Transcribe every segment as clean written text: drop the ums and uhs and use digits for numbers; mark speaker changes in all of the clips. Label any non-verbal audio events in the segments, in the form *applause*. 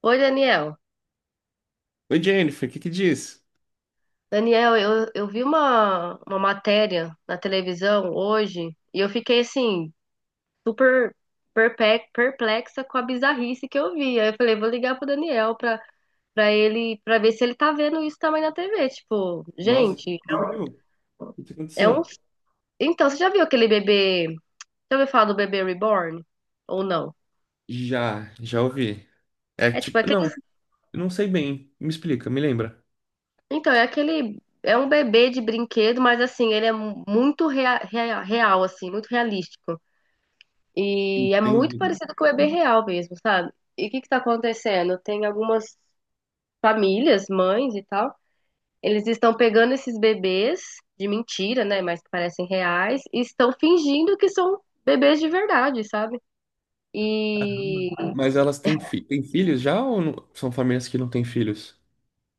Speaker 1: Oi, Daniel.
Speaker 2: Oi, Jennifer, o que que diz?
Speaker 1: Daniel, eu vi uma matéria na televisão hoje e eu fiquei assim, super perplexa com a bizarrice que eu vi. Aí eu falei, vou ligar pro Daniel pra, pra ele, pra ver se ele tá vendo isso também na TV. Tipo,
Speaker 2: Nossa, o que
Speaker 1: gente,
Speaker 2: você viu? O que que
Speaker 1: é um.
Speaker 2: aconteceu?
Speaker 1: Então, você já viu aquele bebê? Já ouviu falar do bebê reborn? Ou não?
Speaker 2: Já ouvi. É
Speaker 1: É tipo
Speaker 2: tipo, não,
Speaker 1: aqueles.
Speaker 2: eu não sei bem. Me explica, me lembra.
Speaker 1: Então, é aquele. É um bebê de brinquedo, mas assim, ele é muito real, assim, muito realístico. E é muito
Speaker 2: Entendi.
Speaker 1: parecido com o bebê real mesmo, sabe? E o que que tá acontecendo? Tem algumas famílias, mães e tal, eles estão pegando esses bebês de mentira, né? Mas que parecem reais, e estão fingindo que são bebês de verdade, sabe?
Speaker 2: Caramba.
Speaker 1: E
Speaker 2: Mas elas têm, fi têm filhos já ou são famílias que não têm filhos?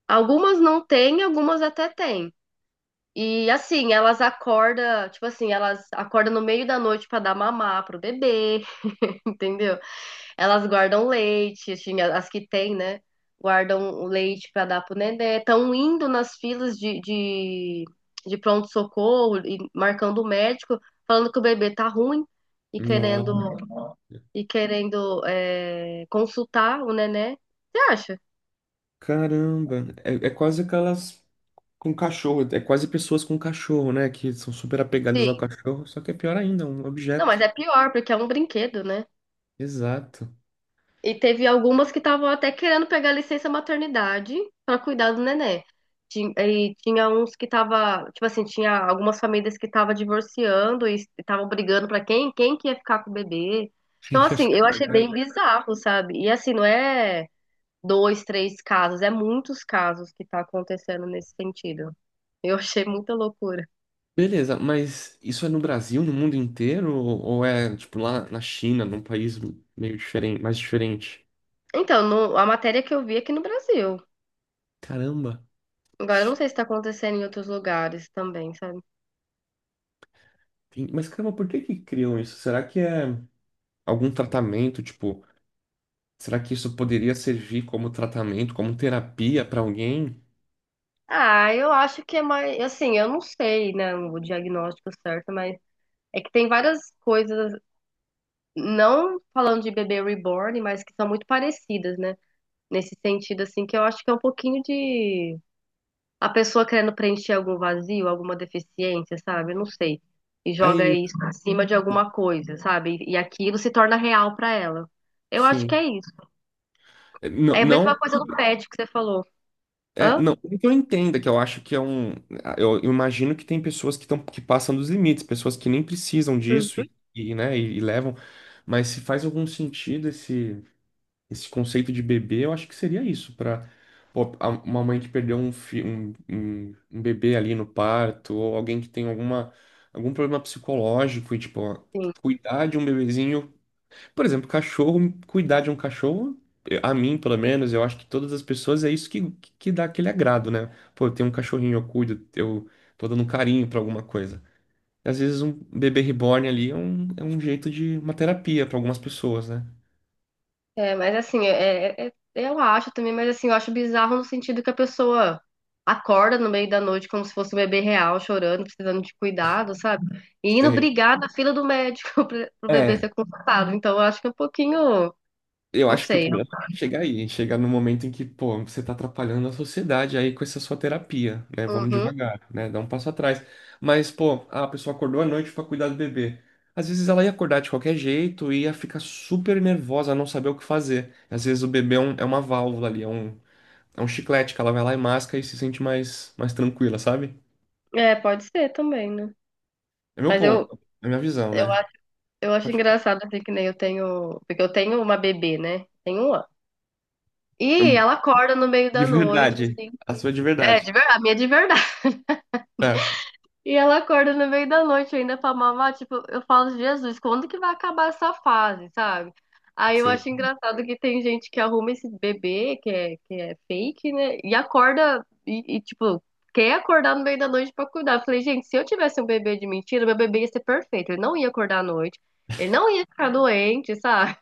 Speaker 1: algumas não têm, algumas até têm. E assim, elas acordam, tipo assim, elas acordam no meio da noite pra dar mamar pro bebê, *laughs* entendeu? Elas guardam leite, assim, as que têm, né? Guardam o leite para dar pro nenê. Estão indo nas filas de pronto-socorro e marcando o médico, falando que o bebê tá ruim e querendo,
Speaker 2: Nossa,
Speaker 1: e querendo é, consultar o nenê. Você acha?
Speaker 2: caramba. É, é quase aquelas com cachorro, é quase pessoas com cachorro, né? Que são super apegadas ao
Speaker 1: Sim.
Speaker 2: cachorro, só que é pior ainda, um
Speaker 1: Não, mas
Speaker 2: objeto.
Speaker 1: é pior, porque é um brinquedo, né?
Speaker 2: Exato.
Speaker 1: E teve algumas que estavam até querendo pegar licença maternidade para cuidar do neném. E tinha uns que tava, tipo assim, tinha algumas famílias que estavam divorciando e estavam brigando para quem que ia ficar com o bebê.
Speaker 2: A
Speaker 1: Então,
Speaker 2: gente achou
Speaker 1: assim, eu
Speaker 2: que
Speaker 1: achei
Speaker 2: agora.
Speaker 1: bem bizarro, sabe? E assim, não é dois, três casos, é muitos casos que tá acontecendo nesse sentido. Eu achei muita loucura.
Speaker 2: Beleza, mas isso é no Brasil, no mundo inteiro? Ou é, tipo, lá na China, num país meio diferente, mais diferente?
Speaker 1: Então, a matéria que eu vi é aqui no Brasil.
Speaker 2: Caramba!
Speaker 1: Agora, eu não sei se tá acontecendo em outros lugares também, sabe?
Speaker 2: Mas, caramba, por que que criam isso? Será que é algum tratamento, tipo, será que isso poderia servir como tratamento, como terapia pra alguém?
Speaker 1: Ah, eu acho que é mais, assim, eu não sei, né, o diagnóstico certo, mas é que tem várias coisas, não falando de bebê reborn, mas que são muito parecidas, né? Nesse sentido, assim, que eu acho que é um pouquinho de a pessoa querendo preencher algum vazio, alguma deficiência, sabe? Eu não sei. E
Speaker 2: É
Speaker 1: joga
Speaker 2: isso,
Speaker 1: isso em cima de alguma coisa, sabe? E aquilo se torna real pra ela. Eu acho que
Speaker 2: sim.
Speaker 1: é isso.
Speaker 2: É, não,
Speaker 1: É a
Speaker 2: não.
Speaker 1: mesma coisa do pet que você falou.
Speaker 2: É,
Speaker 1: Hã?
Speaker 2: não, não que eu entenda, que eu acho que é um. Eu imagino que tem pessoas que, tão, que passam dos limites, pessoas que nem precisam
Speaker 1: Uhum.
Speaker 2: disso e, né, e levam. Mas se faz algum sentido esse, esse conceito de bebê, eu acho que seria isso, para uma mãe que perdeu um, um, um bebê ali no parto, ou alguém que tem alguma, algum problema psicológico, e tipo, ó,
Speaker 1: Sim.
Speaker 2: cuidar de um bebezinho, por exemplo, cachorro, cuidar de um cachorro, a mim, pelo menos, eu acho que todas as pessoas é isso que, que dá aquele agrado, né? Pô, eu tenho um cachorrinho, eu cuido, eu tô dando um carinho pra alguma coisa. Às vezes um bebê reborn ali é um jeito de uma terapia pra algumas pessoas, né?
Speaker 1: É, mas assim, é, eu acho também, mas assim, eu acho bizarro no sentido que a pessoa acorda no meio da noite como se fosse um bebê real, chorando, precisando de cuidado, sabe? E indo
Speaker 2: Sei.
Speaker 1: brigar na fila do médico *laughs* pro bebê
Speaker 2: É,
Speaker 1: ser consultado. Então, eu acho que é um pouquinho,
Speaker 2: eu
Speaker 1: não
Speaker 2: acho que o
Speaker 1: sei.
Speaker 2: problema é chegar aí, chegar no momento em que, pô, você tá atrapalhando a sociedade aí com essa sua terapia, né? Vamos
Speaker 1: Uhum.
Speaker 2: devagar, né? Dá um passo atrás. Mas, pô, a pessoa acordou à noite pra cuidar do bebê. Às vezes ela ia acordar de qualquer jeito e ia ficar super nervosa, não saber o que fazer. Às vezes o bebê é, é uma válvula ali, é um chiclete que ela vai lá e masca e se sente mais, mais tranquila, sabe?
Speaker 1: É, pode ser também, né?
Speaker 2: É meu
Speaker 1: Mas eu,
Speaker 2: ponto, é minha visão,
Speaker 1: eu
Speaker 2: né?
Speaker 1: acho, eu acho
Speaker 2: Pode...
Speaker 1: engraçado, assim, que nem eu tenho, porque eu tenho uma bebê, né? Tenho um ano. E ela acorda no meio
Speaker 2: De
Speaker 1: da noite,
Speaker 2: verdade,
Speaker 1: assim.
Speaker 2: a sua de
Speaker 1: É,
Speaker 2: verdade.
Speaker 1: de verdade, a minha é de verdade.
Speaker 2: Tá,
Speaker 1: E ela acorda no meio da noite ainda pra mamar. Tipo, eu falo, Jesus, quando que vai acabar essa fase, sabe? Aí eu
Speaker 2: sei.
Speaker 1: acho engraçado que tem gente que arruma esse bebê, que é fake, né? E acorda, tipo, quer acordar no meio da noite pra cuidar. Eu falei, gente, se eu tivesse um bebê de mentira, meu bebê ia ser perfeito. Ele não ia acordar à noite, ele não ia ficar doente, sabe?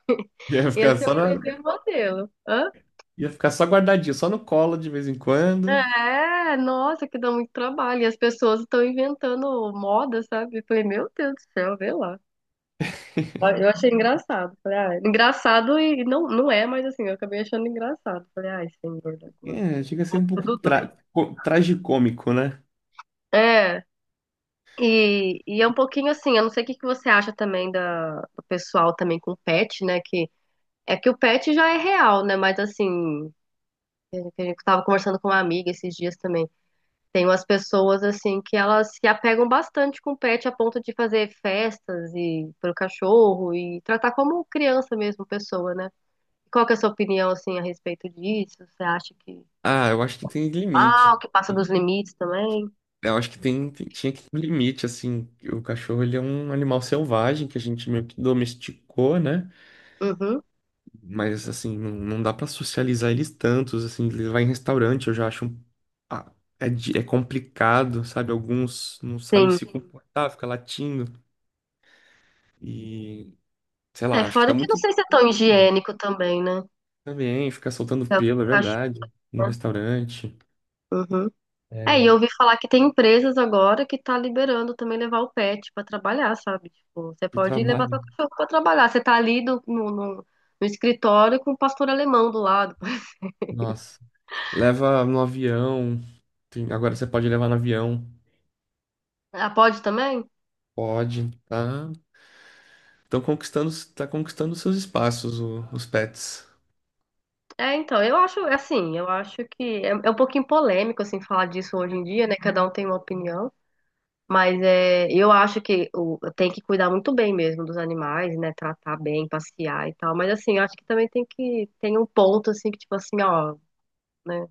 Speaker 2: Ia
Speaker 1: Ia
Speaker 2: ficar
Speaker 1: ser
Speaker 2: só
Speaker 1: um
Speaker 2: na,
Speaker 1: bebê modelo. Hã?
Speaker 2: ia ficar só guardadinho, só no colo de vez em quando.
Speaker 1: É, nossa, que dá muito trabalho. E as pessoas estão inventando moda, sabe? Eu falei, meu Deus do céu, vê lá. Eu achei engraçado. Falei, ah, engraçado e não, não é, mas assim, eu acabei achando engraçado. Falei, ai, senhor da glória.
Speaker 2: É, chega a ser um
Speaker 1: Ficou
Speaker 2: pouco
Speaker 1: tudo doido.
Speaker 2: tragicômico, né?
Speaker 1: É, e é um pouquinho assim, eu não sei o que que você acha também do pessoal também com pet, né? Que é que o pet já é real, né? Mas assim, é que a gente tava conversando com uma amiga esses dias também. Tem umas pessoas assim que elas se apegam bastante com o pet a ponto de fazer festas e pro cachorro e tratar como criança mesmo, pessoa, né? Qual que é a sua opinião, assim, a respeito disso? Você acha que,
Speaker 2: Ah, eu acho que tem limite.
Speaker 1: ah, que passa dos limites também?
Speaker 2: Eu acho que tem, tinha que ter um limite, assim. O cachorro, ele é um animal selvagem que a gente meio que domesticou, né?
Speaker 1: Uhum,
Speaker 2: Mas, assim, não, não dá pra socializar eles tantos, assim. Ele vai em restaurante, eu já acho... ah, é, é complicado, sabe? Alguns não sabem
Speaker 1: sim.
Speaker 2: se comportar, fica latindo. E, sei
Speaker 1: É,
Speaker 2: lá, acho que
Speaker 1: fora
Speaker 2: tá
Speaker 1: que eu não
Speaker 2: muito...
Speaker 1: sei se é tão higiênico também, né?
Speaker 2: Tá bem, ficar soltando
Speaker 1: É o
Speaker 2: pelo, é
Speaker 1: cachorro,
Speaker 2: verdade. No
Speaker 1: né?
Speaker 2: restaurante,
Speaker 1: Uhum. É, e
Speaker 2: é,
Speaker 1: eu ouvi falar que tem empresas agora que tá liberando também levar o pet pra trabalhar, sabe? Tipo, você
Speaker 2: pro
Speaker 1: pode levar
Speaker 2: trabalho.
Speaker 1: seu cachorro pra trabalhar. Você tá ali no no escritório com o pastor alemão do lado. *laughs*
Speaker 2: Nossa. Leva no avião. Tem- agora você pode levar no avião.
Speaker 1: Ah, pode também?
Speaker 2: Pode, tá? Estão conquistando, tá conquistando seus espaços, os pets.
Speaker 1: É, então, eu acho, é assim, eu acho é um pouquinho polêmico, assim, falar disso hoje em dia, né? Cada um tem uma opinião. Mas é, eu acho que o, tem que cuidar muito bem mesmo dos animais, né? Tratar bem, passear e tal. Mas assim, eu acho que também tem que tem um ponto assim que tipo assim, ó, né?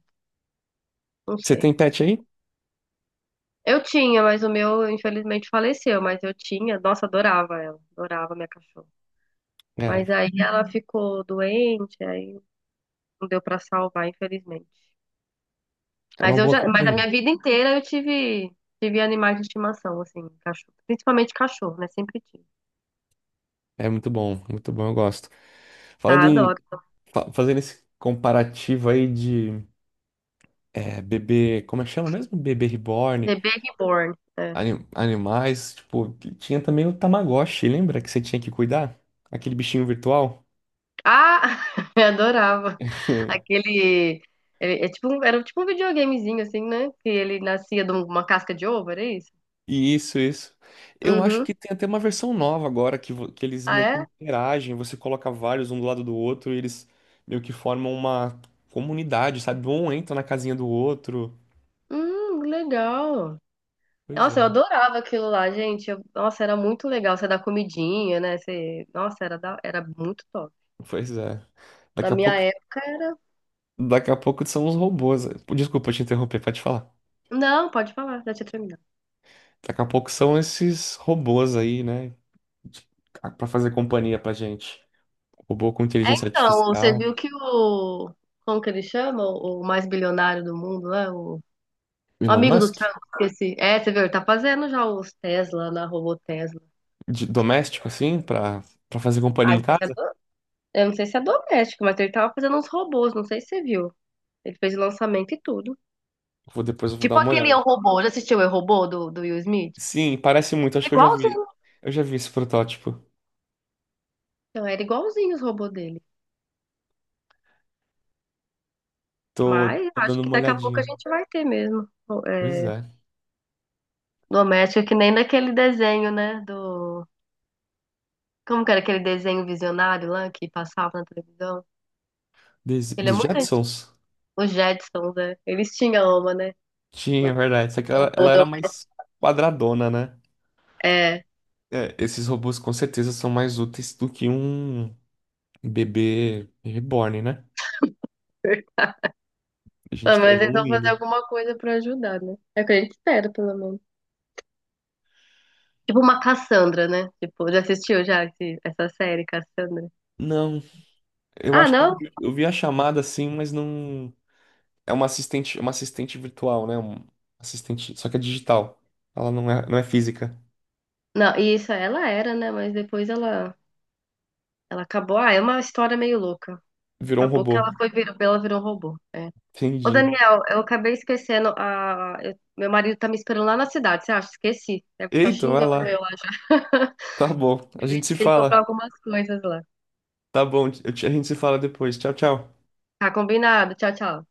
Speaker 1: Não
Speaker 2: Você
Speaker 1: sei.
Speaker 2: tem pet aí?
Speaker 1: Eu tinha, mas o meu infelizmente faleceu, mas eu tinha, nossa, adorava ela, adorava minha cachorra.
Speaker 2: É,
Speaker 1: Mas aí ela uhum ficou doente, aí não deu pra salvar, infelizmente.
Speaker 2: é uma
Speaker 1: Mas eu
Speaker 2: boa
Speaker 1: já, mas a
Speaker 2: companhia.
Speaker 1: minha vida inteira eu tive tive animais de estimação assim, cachorro, principalmente cachorro, né? Sempre tive.
Speaker 2: É muito bom, eu gosto. Falando
Speaker 1: Ah,
Speaker 2: em,
Speaker 1: adoro.
Speaker 2: fazendo esse comparativo aí de é, bebê, como é que chama mesmo? Bebê reborn.
Speaker 1: The Baby Born. Né.
Speaker 2: Animais, tipo, tinha também o Tamagotchi, lembra que você tinha que cuidar? Aquele bichinho virtual?
Speaker 1: Ah, *laughs* eu adorava.
Speaker 2: *laughs*
Speaker 1: Aquele. É tipo, era tipo um videogamezinho, assim, né? Que ele nascia de um, uma casca de ovo, era isso?
Speaker 2: E isso, isso. Eu acho
Speaker 1: Uhum.
Speaker 2: que tem até uma versão nova agora que, que eles
Speaker 1: Ah,
Speaker 2: meio que
Speaker 1: é?
Speaker 2: interagem, você coloca vários um do lado do outro e eles meio que formam uma comunidade, sabe? Um entra na casinha do outro.
Speaker 1: Legal.
Speaker 2: Pois
Speaker 1: Nossa, eu
Speaker 2: é,
Speaker 1: adorava aquilo lá, gente. Nossa, era muito legal. Você dá comidinha, né? Você, nossa, era, era muito top.
Speaker 2: pois é.
Speaker 1: Na
Speaker 2: Daqui a
Speaker 1: minha
Speaker 2: pouco,
Speaker 1: época era.
Speaker 2: daqui a pouco são os robôs. Desculpa te interromper, pode falar.
Speaker 1: Não, pode falar, já tinha terminado.
Speaker 2: Daqui a pouco são esses robôs aí, né? Pra fazer companhia pra gente. Robô com
Speaker 1: É,
Speaker 2: inteligência
Speaker 1: então, você
Speaker 2: artificial,
Speaker 1: viu que o. Como que ele chama? O mais bilionário do mundo, né? O
Speaker 2: Elon
Speaker 1: amigo do
Speaker 2: Musk,
Speaker 1: Trump, esqueci. É, você viu, ele tá fazendo já os Tesla na robô Tesla.
Speaker 2: de doméstico assim, pra para fazer companhia
Speaker 1: Ah,
Speaker 2: em
Speaker 1: não sei se é
Speaker 2: casa.
Speaker 1: eu não sei se é doméstico, mas ele tava fazendo uns robôs, não sei se você viu. Ele fez o lançamento e tudo.
Speaker 2: Vou, depois eu vou dar
Speaker 1: Tipo
Speaker 2: uma
Speaker 1: aquele Eu,
Speaker 2: olhada.
Speaker 1: Robô, já assistiu o Eu, Robô do Will Smith?
Speaker 2: Sim, parece muito, acho
Speaker 1: É
Speaker 2: que eu já vi.
Speaker 1: igualzinho.
Speaker 2: Eu já vi esse protótipo.
Speaker 1: Então, era igualzinho os robôs dele.
Speaker 2: Tô,
Speaker 1: Mas
Speaker 2: tô
Speaker 1: acho
Speaker 2: dando
Speaker 1: que
Speaker 2: uma
Speaker 1: daqui a pouco a
Speaker 2: olhadinha.
Speaker 1: gente vai ter mesmo.
Speaker 2: Pois
Speaker 1: É,
Speaker 2: é.
Speaker 1: doméstica, que nem naquele desenho, né? Do. Como que era aquele desenho visionário lá que passava na televisão? Ele é
Speaker 2: Dos
Speaker 1: muito antigo.
Speaker 2: Jetsons.
Speaker 1: Os Jetsons, né? Eles tinham uma, né?
Speaker 2: Tinha, é verdade. Só que
Speaker 1: Ou
Speaker 2: ela era mais
Speaker 1: doméstico.
Speaker 2: quadradona, né?
Speaker 1: É.
Speaker 2: É, esses robôs com certeza são mais úteis do que um bebê reborn, né? A
Speaker 1: Pelo
Speaker 2: gente tá
Speaker 1: menos eles vão fazer
Speaker 2: evoluindo.
Speaker 1: alguma coisa pra ajudar, né? É o que a gente espera, pelo menos. Tipo uma Cassandra, né? Tipo, já assistiu já essa série, Cassandra?
Speaker 2: Não, eu
Speaker 1: Ah,
Speaker 2: acho que eu
Speaker 1: não?
Speaker 2: vi, eu vi a chamada assim, mas não. É uma assistente virtual, né? Um assistente, só que é digital. Ela não é, não é física.
Speaker 1: Não, isso, ela era, né? Mas depois ela, ela acabou. Ah, é uma história meio louca.
Speaker 2: Virou um
Speaker 1: Acabou que ela
Speaker 2: robô.
Speaker 1: foi, virou, ela virou um robô. É. Ô,
Speaker 2: Entendi.
Speaker 1: Daniel, eu acabei esquecendo. A, meu marido tá me esperando lá na cidade, você acha? Esqueci. Deve estar
Speaker 2: Eita, vai
Speaker 1: xingando
Speaker 2: lá.
Speaker 1: eu lá já.
Speaker 2: Tá bom.
Speaker 1: *laughs*
Speaker 2: A
Speaker 1: A
Speaker 2: gente
Speaker 1: gente
Speaker 2: se
Speaker 1: tem que comprar
Speaker 2: fala.
Speaker 1: algumas coisas lá.
Speaker 2: Tá bom. A gente se fala depois. Tchau, tchau.
Speaker 1: Tá combinado. Tchau, tchau.